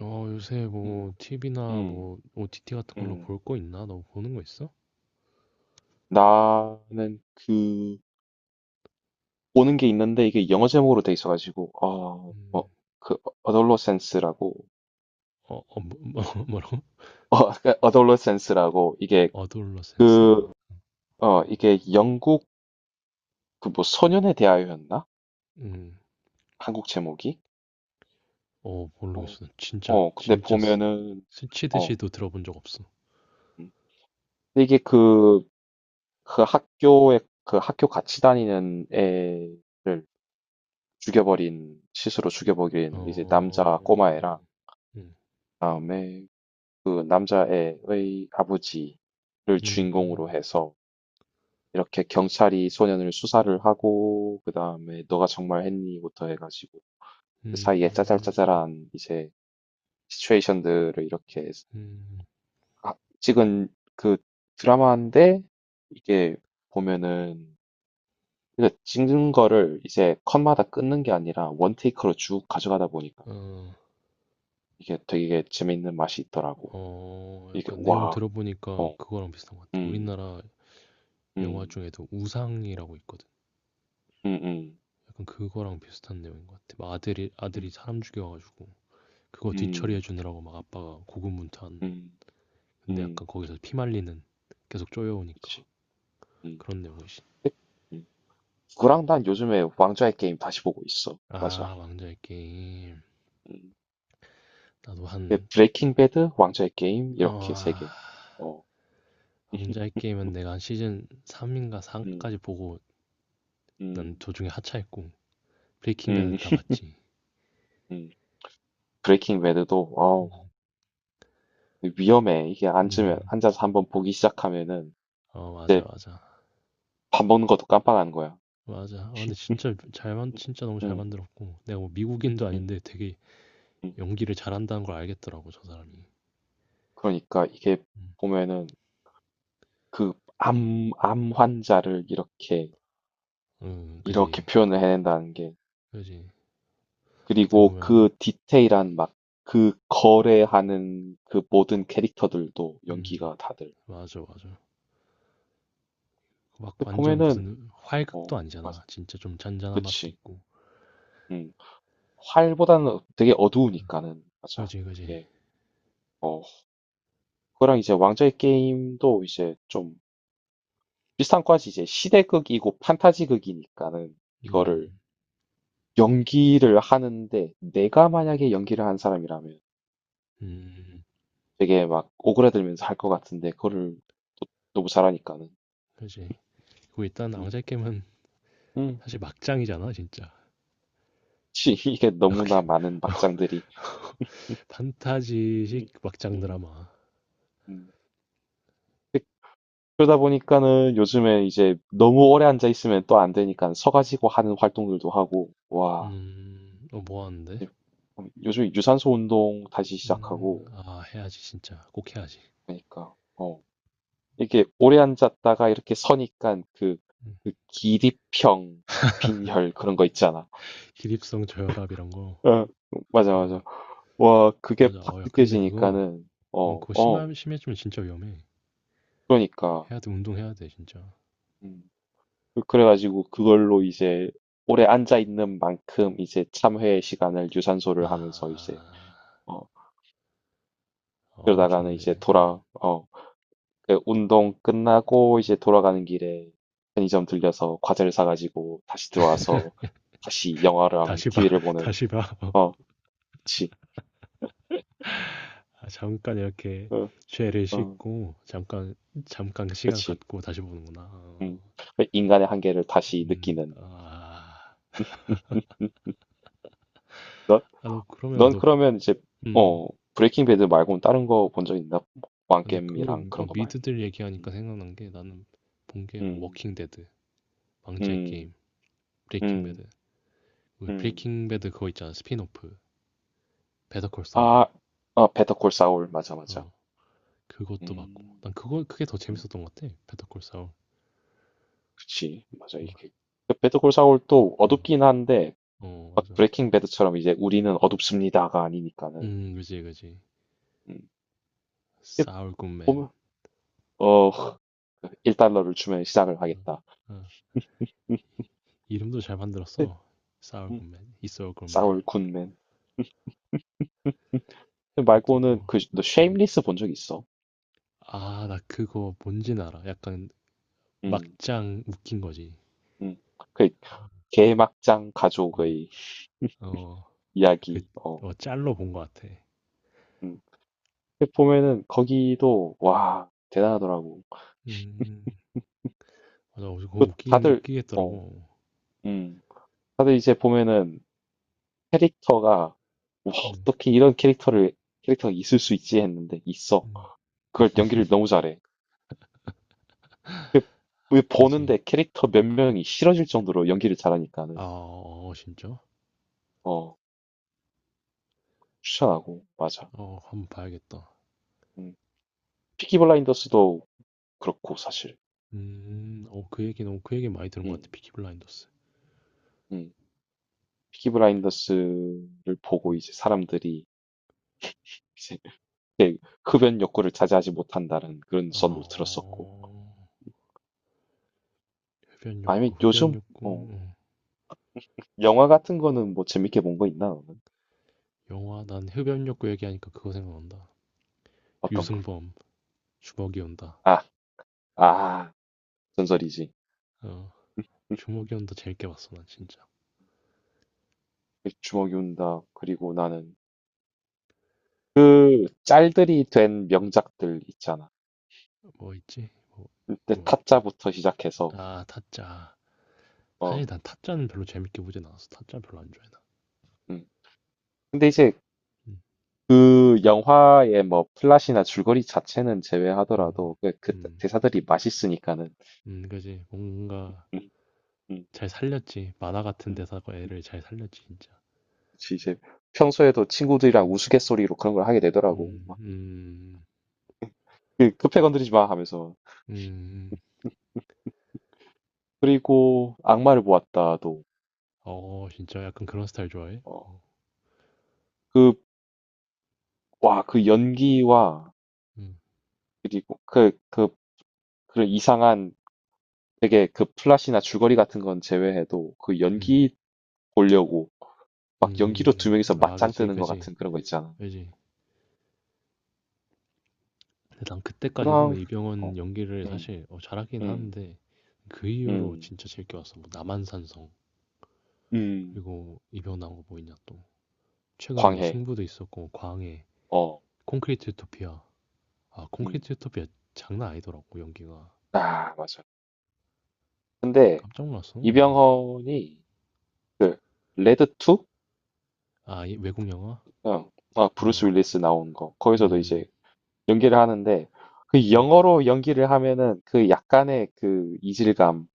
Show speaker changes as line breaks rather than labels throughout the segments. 요새
음,
뭐 TV나
음,
뭐 OTT 같은 걸로
음.
볼 거 있나? 너 보는 거 있어?
나는 그 보는 게 있는데 이게 영어 제목으로 돼 있어가지고
음.
뭐, 그 어덜로센스라고
어, 어, 뭐, 뭐- 뭐라고?
어, 어덜로센스라고 이게
어드올러센스?
그 이게 영국 그 뭐 소년에 대하여였나?
음.
한국 제목이? 어,
모르겠어. 진짜
어, 근데
진짜
보면은 어,
스치듯이도 들어본 적 없어.
음. 근데 이게 그 학교에 그 학교 같이 다니는 애를 죽여버린 시스로 죽여버린 이제 남자
어.
꼬마애랑
음.
그다음에 그 남자애의 아버지를 주인공으로
음.
해서 이렇게 경찰이 소년을 수사를 하고 그 다음에 너가 정말 했니부터 해가지고 그 사이에
음.
짜잘짜잘한 이제 시츄에이션들을 이렇게
음. 음.
찍은 그 드라마인데 이게 보면은 근데 찍는 거를 이제 컷마다 끊는 게 아니라 원테이크로 쭉 가져가다 보니까
어,
이게 되게 재밌는 맛이 있더라고.
어,
이게
약간 내용
와,
들어보니까
어,
그거랑 비슷한 것 같아.
음,
우리나라 영화
음,
중에도 우상이라고 있거든.
음, 음.
약간 그거랑 비슷한 내용인 것 같아. 막 아들이
음.
사람 죽여가지고 그거 뒤처리해
음.
주느라고 막 아빠가 고군분투한.
음.
근데
음.
약간 거기서 피 말리는 계속 쪼여오니까
그치. 음.
그런 내용이지.
근데 음. 그랑 난 요즘에 왕좌의 게임 다시 보고 있어. 맞아.
아, 왕좌의 게임.
음.
나도
근데
한.
브레이킹 배드, 왕좌의 게임 이렇게
어,
3개. 어,
왕좌의 게임은 내가 한 시즌 3인가
음.
4까지 보고, 난
음.
도중에 하차했고, 브레이킹 배드
음.
다 봤지.
음. 브레이킹 배드도 어우,
음,
위험해. 이게 앉으면
음.
앉아서 한번 보기 시작하면은
어, 맞아,
이제
맞아.
밥 먹는 것도 깜빡하는 거야.
맞아. 아, 근데
음.
진짜 너무 잘
음.
만들었고. 내가 뭐 미국인도 아닌데 되게
음.
연기를 잘한다는 걸 알겠더라고, 저 사람이.
그러니까 이게
음,
보면은 그 암 환자를 이렇게 이렇게
그지.
표현을 해낸다는 게
그지. 어떻게
그리고
보면,
그 디테일한 막 그 거래하는 그 모든 캐릭터들도
음,
연기가 다들.
맞아, 맞아. 그 막
근데
완전
보면은,
무슨
어,
활극도
맞아.
아니잖아. 진짜 좀 잔잔한 맛도
그치.
있고.
음. 활보다는 되게 어두우니까는, 맞아.
그지, 그지.
이게, 어, 그거랑 이제 왕좌의 게임도 이제 좀 비슷한 과지 이제 시대극이고 판타지극이니까는 이거를
음,
연기를 하는데 내가 만약에 연기를 한 사람이라면
음,
되게 막 오그라들면서 할 것 같은데 그거를 또 너무 잘하니까는.
그지. 그리고 일단
음.
앙제 게임은
음.
사실 막장이잖아, 진짜.
치, 이게 너무나 많은 막장들이.
판타지식
음,
막장
음,
드라마.
음. 그러다 보니까는 요즘에 이제 너무 오래 앉아 있으면 또 안 되니까 서가지고 하는 활동들도 하고, 와,
어, 뭐 하는데?
요즘 유산소 운동 다시 시작하고,
아, 해야지, 진짜. 꼭 해야지.
그러니까, 이게 오래 앉았다가 이렇게 서니까 그,
음,
그 기립형, 빈혈 그런 거 있잖아.
기립성 저혈압 이런 거.
어, 맞아,
어,
맞아. 와, 그게
맞아.
팍
어, 야, 근데 그거,
느껴지니까는,
어,
어,
그거
어,
심해지면 진짜 위험해.
그러니까.
해야 돼, 운동해야 돼, 진짜.
음. 그래가지고 그걸로 이제 오래 앉아 있는 만큼 이제 참회 시간을
아,
유산소를 하면서 이제 어
어,
그러다가는
좋네.
이제
음.
돌아 어그 운동 끝나고 이제 돌아가는 길에 편의점 들려서 과자를 사가지고 다시 들어와서 다시 영화랑
다시 봐.
TV를 보는.
다시 봐. 어.
어, 그치.
아, 잠깐 이렇게
어,
죄를
어,
씻고 잠깐 잠깐 시간
그치.
갖고 다시 보는구나. 어.
음. 그 인간의 한계를 다시
음.
느끼는.
아.
넌,
아, 너 그러면
넌
너.
그러면 이제
음.
어 브레이킹 배드 말고는 다른 거 본 적 있나?
아, 근데 그거
왕겜이랑 그런 거 말고.
미드들
음.
얘기하니까 생각난 게 나는 본 게 뭐
음,
워킹 데드, 망자의 게임,
음,
브레이킹
음,
배드. 우리
음.
브레이킹 배드 그거 있잖아. 스핀오프. 배터 콜
아,
사울.
베터콜 사울, 맞아, 맞아.
어. 그것도 봤고.
음,
난 그거 그게 더
음,
재밌었던 것 같아. 배터 콜 사울.
그치, 맞아,
어.
이게. 그 베터콜 사울도
어,
어둡긴 한데,
어,
막
맞아.
브레이킹 배드처럼 이제 우리는 어둡습니다가 아니니까는.
그지, 그지.
음, 이게
사울 굿맨.
보면, 어, 1달러를 주면 시작을
어,
하겠다.
어.
음,
이름도 잘
근데,
만들었어.
음,
Sourgreatman, i s o u g m a n.
사울 굿맨. 그
이것도
말고는
뭐.
그, 너
음.
쉐임리스 본 적 있어?
아, 나 그거 뭔진 알아. 약간
음,
막장 웃긴 거지.
음. 그, 개막장
어,
가족의
어, 그,
이야기,
어, 짤로 본 것 같아.
음. 그 보면은 거기도 와 대단하더라고.
음, 맞아. 어, 그거
그 어,
웃기겠더라고.
음, 다들 이제 보면은 캐릭터가 와
음,
어떻게 이런 캐릭터를 캐릭터가 있을 수 있지 했는데 있어.
음.
그걸 연기를 너무 잘해. 그, 왜
그지.
보는데 캐릭터 몇 명이 싫어질 정도로 연기를
아,
잘하니까는
어, 어, 진짜?
어 추천하고 맞아.
어, 한번 봐야겠다.
음. 피키 블라인더스도 그렇고 사실.
어, 그 얘기 많이 들은 것
음,
같아. 피키 블라인더스.
음. 피키 블라인더스를 보고 이제 사람들이 이제 이렇게 흡연 욕구를 자제하지 못한다는 그런
아,
썰도 들었었고.
어, 흡연
아니면
욕구, 흡연
요즘, 어,
욕구.
영화 같은 거는 뭐 재밌게 본 거 있나, 너는?
영화 난 흡연욕구 얘기하니까 그거 생각난다.
어떤 거?
유승범 주먹이 온다.
아, 아, 전설이지.
어, 주먹이 온다 재밌게 봤어 난 진짜.
주먹이 운다. 그리고 나는 그 짤들이 된 명작들 있잖아.
뭐 있지?
그때
뭐뭐아
타짜부터 시작해서,
타짜. 사실
어,
난 타짜는 별로 재밌게 보진 않았어. 타짜 별로 안 좋아해 나.
음. 근데 이제
음,
그 영화의 뭐 플롯이나 줄거리 자체는
음,
제외하더라도 그
음,
대사들이 맛있으니까는.
그지. 뭔가
음, 음,
잘 살렸지. 만화 같은
음.
대사가 애를 잘 살렸지 진짜.
그치, 이제 평소에도 친구들이랑
음,
우스갯소리로 그런 걸 하게 되더라고.
음,
막,
음,
그, 급해 건드리지 마 하면서.
음, 음.
그리고 악마를 보았다도,
어, 진짜 약간 그런 스타일 좋아해?
어, 그, 와, 그 연기와,
음,
그리고 그런 이상한 되게 그 플롯이나 줄거리 같은 건 제외해도 그
음,
연기 보려고
음,
막 연기로 두
음,
명이서
아,
맞짱
그지,
뜨는 것
그지,
같은 그런 거 있잖아.
그지. 근데 난 그때까지도
그랑, 어,
이병헌 연기를
음,
사실 잘하긴
음,
하는데 그 이후로
음,
진짜 즐겨 왔어. 뭐 남한산성
음,
그리고 이병헌 나온 거 뭐 있냐 또 최근에 뭐
광해,
승부도 있었고 뭐 광해,
어,
콘크리트 유토피아. 아,
음,
콘크리트 유토피아 장난 아니더라고, 연기가.
아, 맞아. 근데
깜짝 놀랐어.
이병헌이 레드 2?
아, 외국 영화?
아, 브루스
어,
윌리스 나온 거. 거기서도 이제
음,
연기를 하는데 그
음,
영어로 연기를 하면은 그 약간의 그 이질감.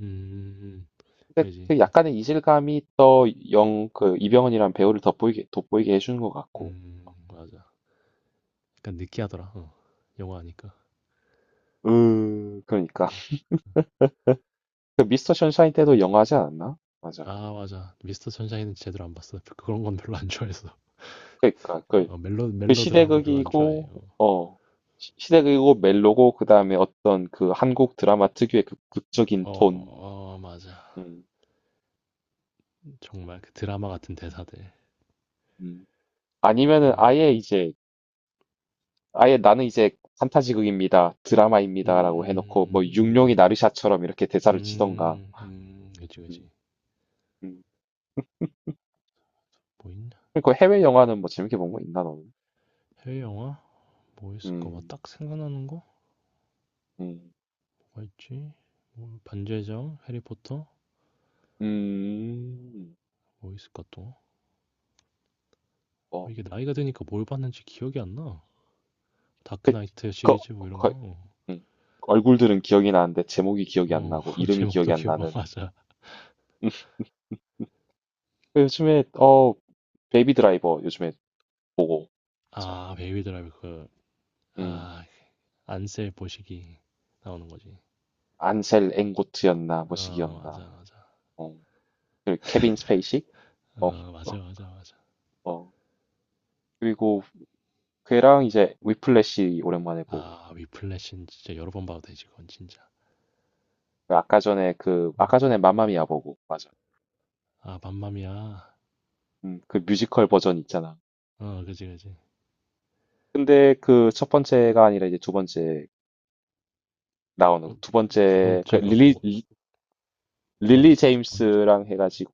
음,
근데
알지?
그
야,
약간의 이질감이 또 영, 그 이병헌이란 배우를 돋보이게 해주는 것 같고.
맞아. 약간 느끼하더라. 어, 영화 하니까.
으, 그러니까. 그 미스터 션샤인 때도 영화하지 않았나? 맞아.
아, 맞아. 미스터 선샤인은 제대로 안 봤어. 그런 건 별로 안 좋아해서.
그러니까 그,
어, 멜로
그
멜로 드어거 별로 안 좋아해요.
시대극이고, 어, 시대극이고 멜로고 그다음에 어떤 그 한국 드라마 특유의 그 극적인
어,
톤.
어, 맞아.
음,
정말 그 드라마 같은 대사들,
음. 아니면은
그런 거.
아예 나는 이제 판타지극입니다. 드라마입니다라고 해놓고 뭐 육룡이
그지, 그지.
나르샤처럼 이렇게 대사를 치던가.
그지,
음,
그지.
음.
뭐 있나?
그리 해외 영화는 뭐 재밌게 본 거 있나 너는?
해외 영화? 뭐 있을까? 막
음,
딱 생각나는 거?
음,
뭐 있지? 뭐 반지의 제왕, 해리포터?
음,
뭐 있을까 또? 어,
어,
이게 나이가 드니까 뭘 봤는지 기억이 안 나.
그,
다크나이트
그,
시리즈 뭐 이런
그,
거.
음. 얼굴들은 기억이 나는데 제목이 기억이 안
어,
나고 이름이
제목도
기억이 안
기억, 어,
나는.
맞아.
요즘에 베이비 드라이버 요즘에 보고 자,
아, 베이비 드라이브 그,
음
아, 안셀 보시기 나오는 거지.
안셀 앵고트였나
어,
뭐시기였나.
맞아, 맞아.
어, 그 케빈 스페이시? 어, 어,
어, 맞아, 맞아, 맞아.
어. 그리고 걔랑 이제 위플래시 오랜만에 보고
아, 위플래시는 진짜 여러 번 봐도 되지, 그건 진짜.
그 아까 전에 그
음.
아까 전에 맘마미아 보고 맞아.
아, 맘마미아.
그 뮤지컬 버전 있잖아.
어, 그지, 그지.
근데 그 첫 번째가 아니라 이제 두 번째 나오는
어,
두
두
번째 그
번째가 뭐, 뭐가
릴리
있어? 두 번째?
제임스랑 해가지고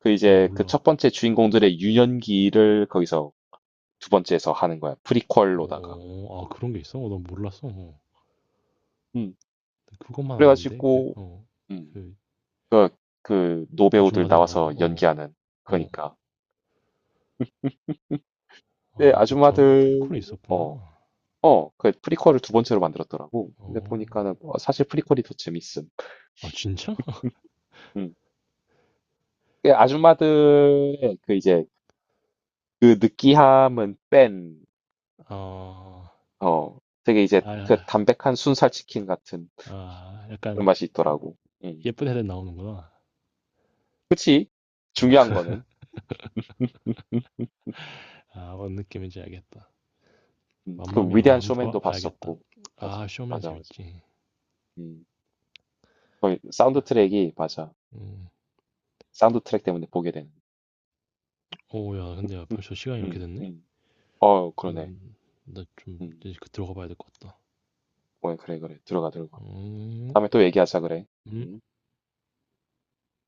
그
오,
이제 그
몰라.
첫 번째 주인공들의 유년기를 거기서 두 번째에서 하는 거야. 프리퀄로다가.
어, 아, 그런 게 있어? 어, 난 몰랐어. 어.
음.
그것만 아는데, 그,
그래가지고
어,
음.
그,
그 그 노배우들
아줌마들 나오는 거,
나와서
어,
연기하는
어.
그러니까. 네,
아, 그게
아줌마들,
프리퀄이
어,
있었구나.
어, 그 프리퀄을 두 번째로 만들었더라고. 근데
어.
보니까는 뭐 사실 프리퀄이 더 재밌음.
아, 진짜?
음. 그 아줌마들의 그 이제 그 느끼함은 뺀,
아,
어, 되게 이제
아,
그
아,
담백한 순살치킨 같은
아,
그런
약간
맛이 있더라고. 음.
예쁜 애들 나오는구나.
그치?
아.
중요한 거는. 음,
아, 뭔 느낌인지 알겠다.
그
맘마미아 그럼
위대한
한번
쇼맨도
봐야겠다.
봤었고. 맞아,
아, 쇼맨
맞아, 맞아.
재밌지.
음. 거의 사운드
아,
트랙이, 맞아.
음.
사운드 트랙 때문에 보게 되는.
오, 야, 근데 야,
음,
벌써 시간이 이렇게
음,
됐네?
음. 어, 그러네.
음, 나좀
음.
이제 그 들어가 봐야 될 것 같다.
어, 그래, 그래. 들어가, 들어가.
음,
다음에 또 얘기하자 그래.
음.
응?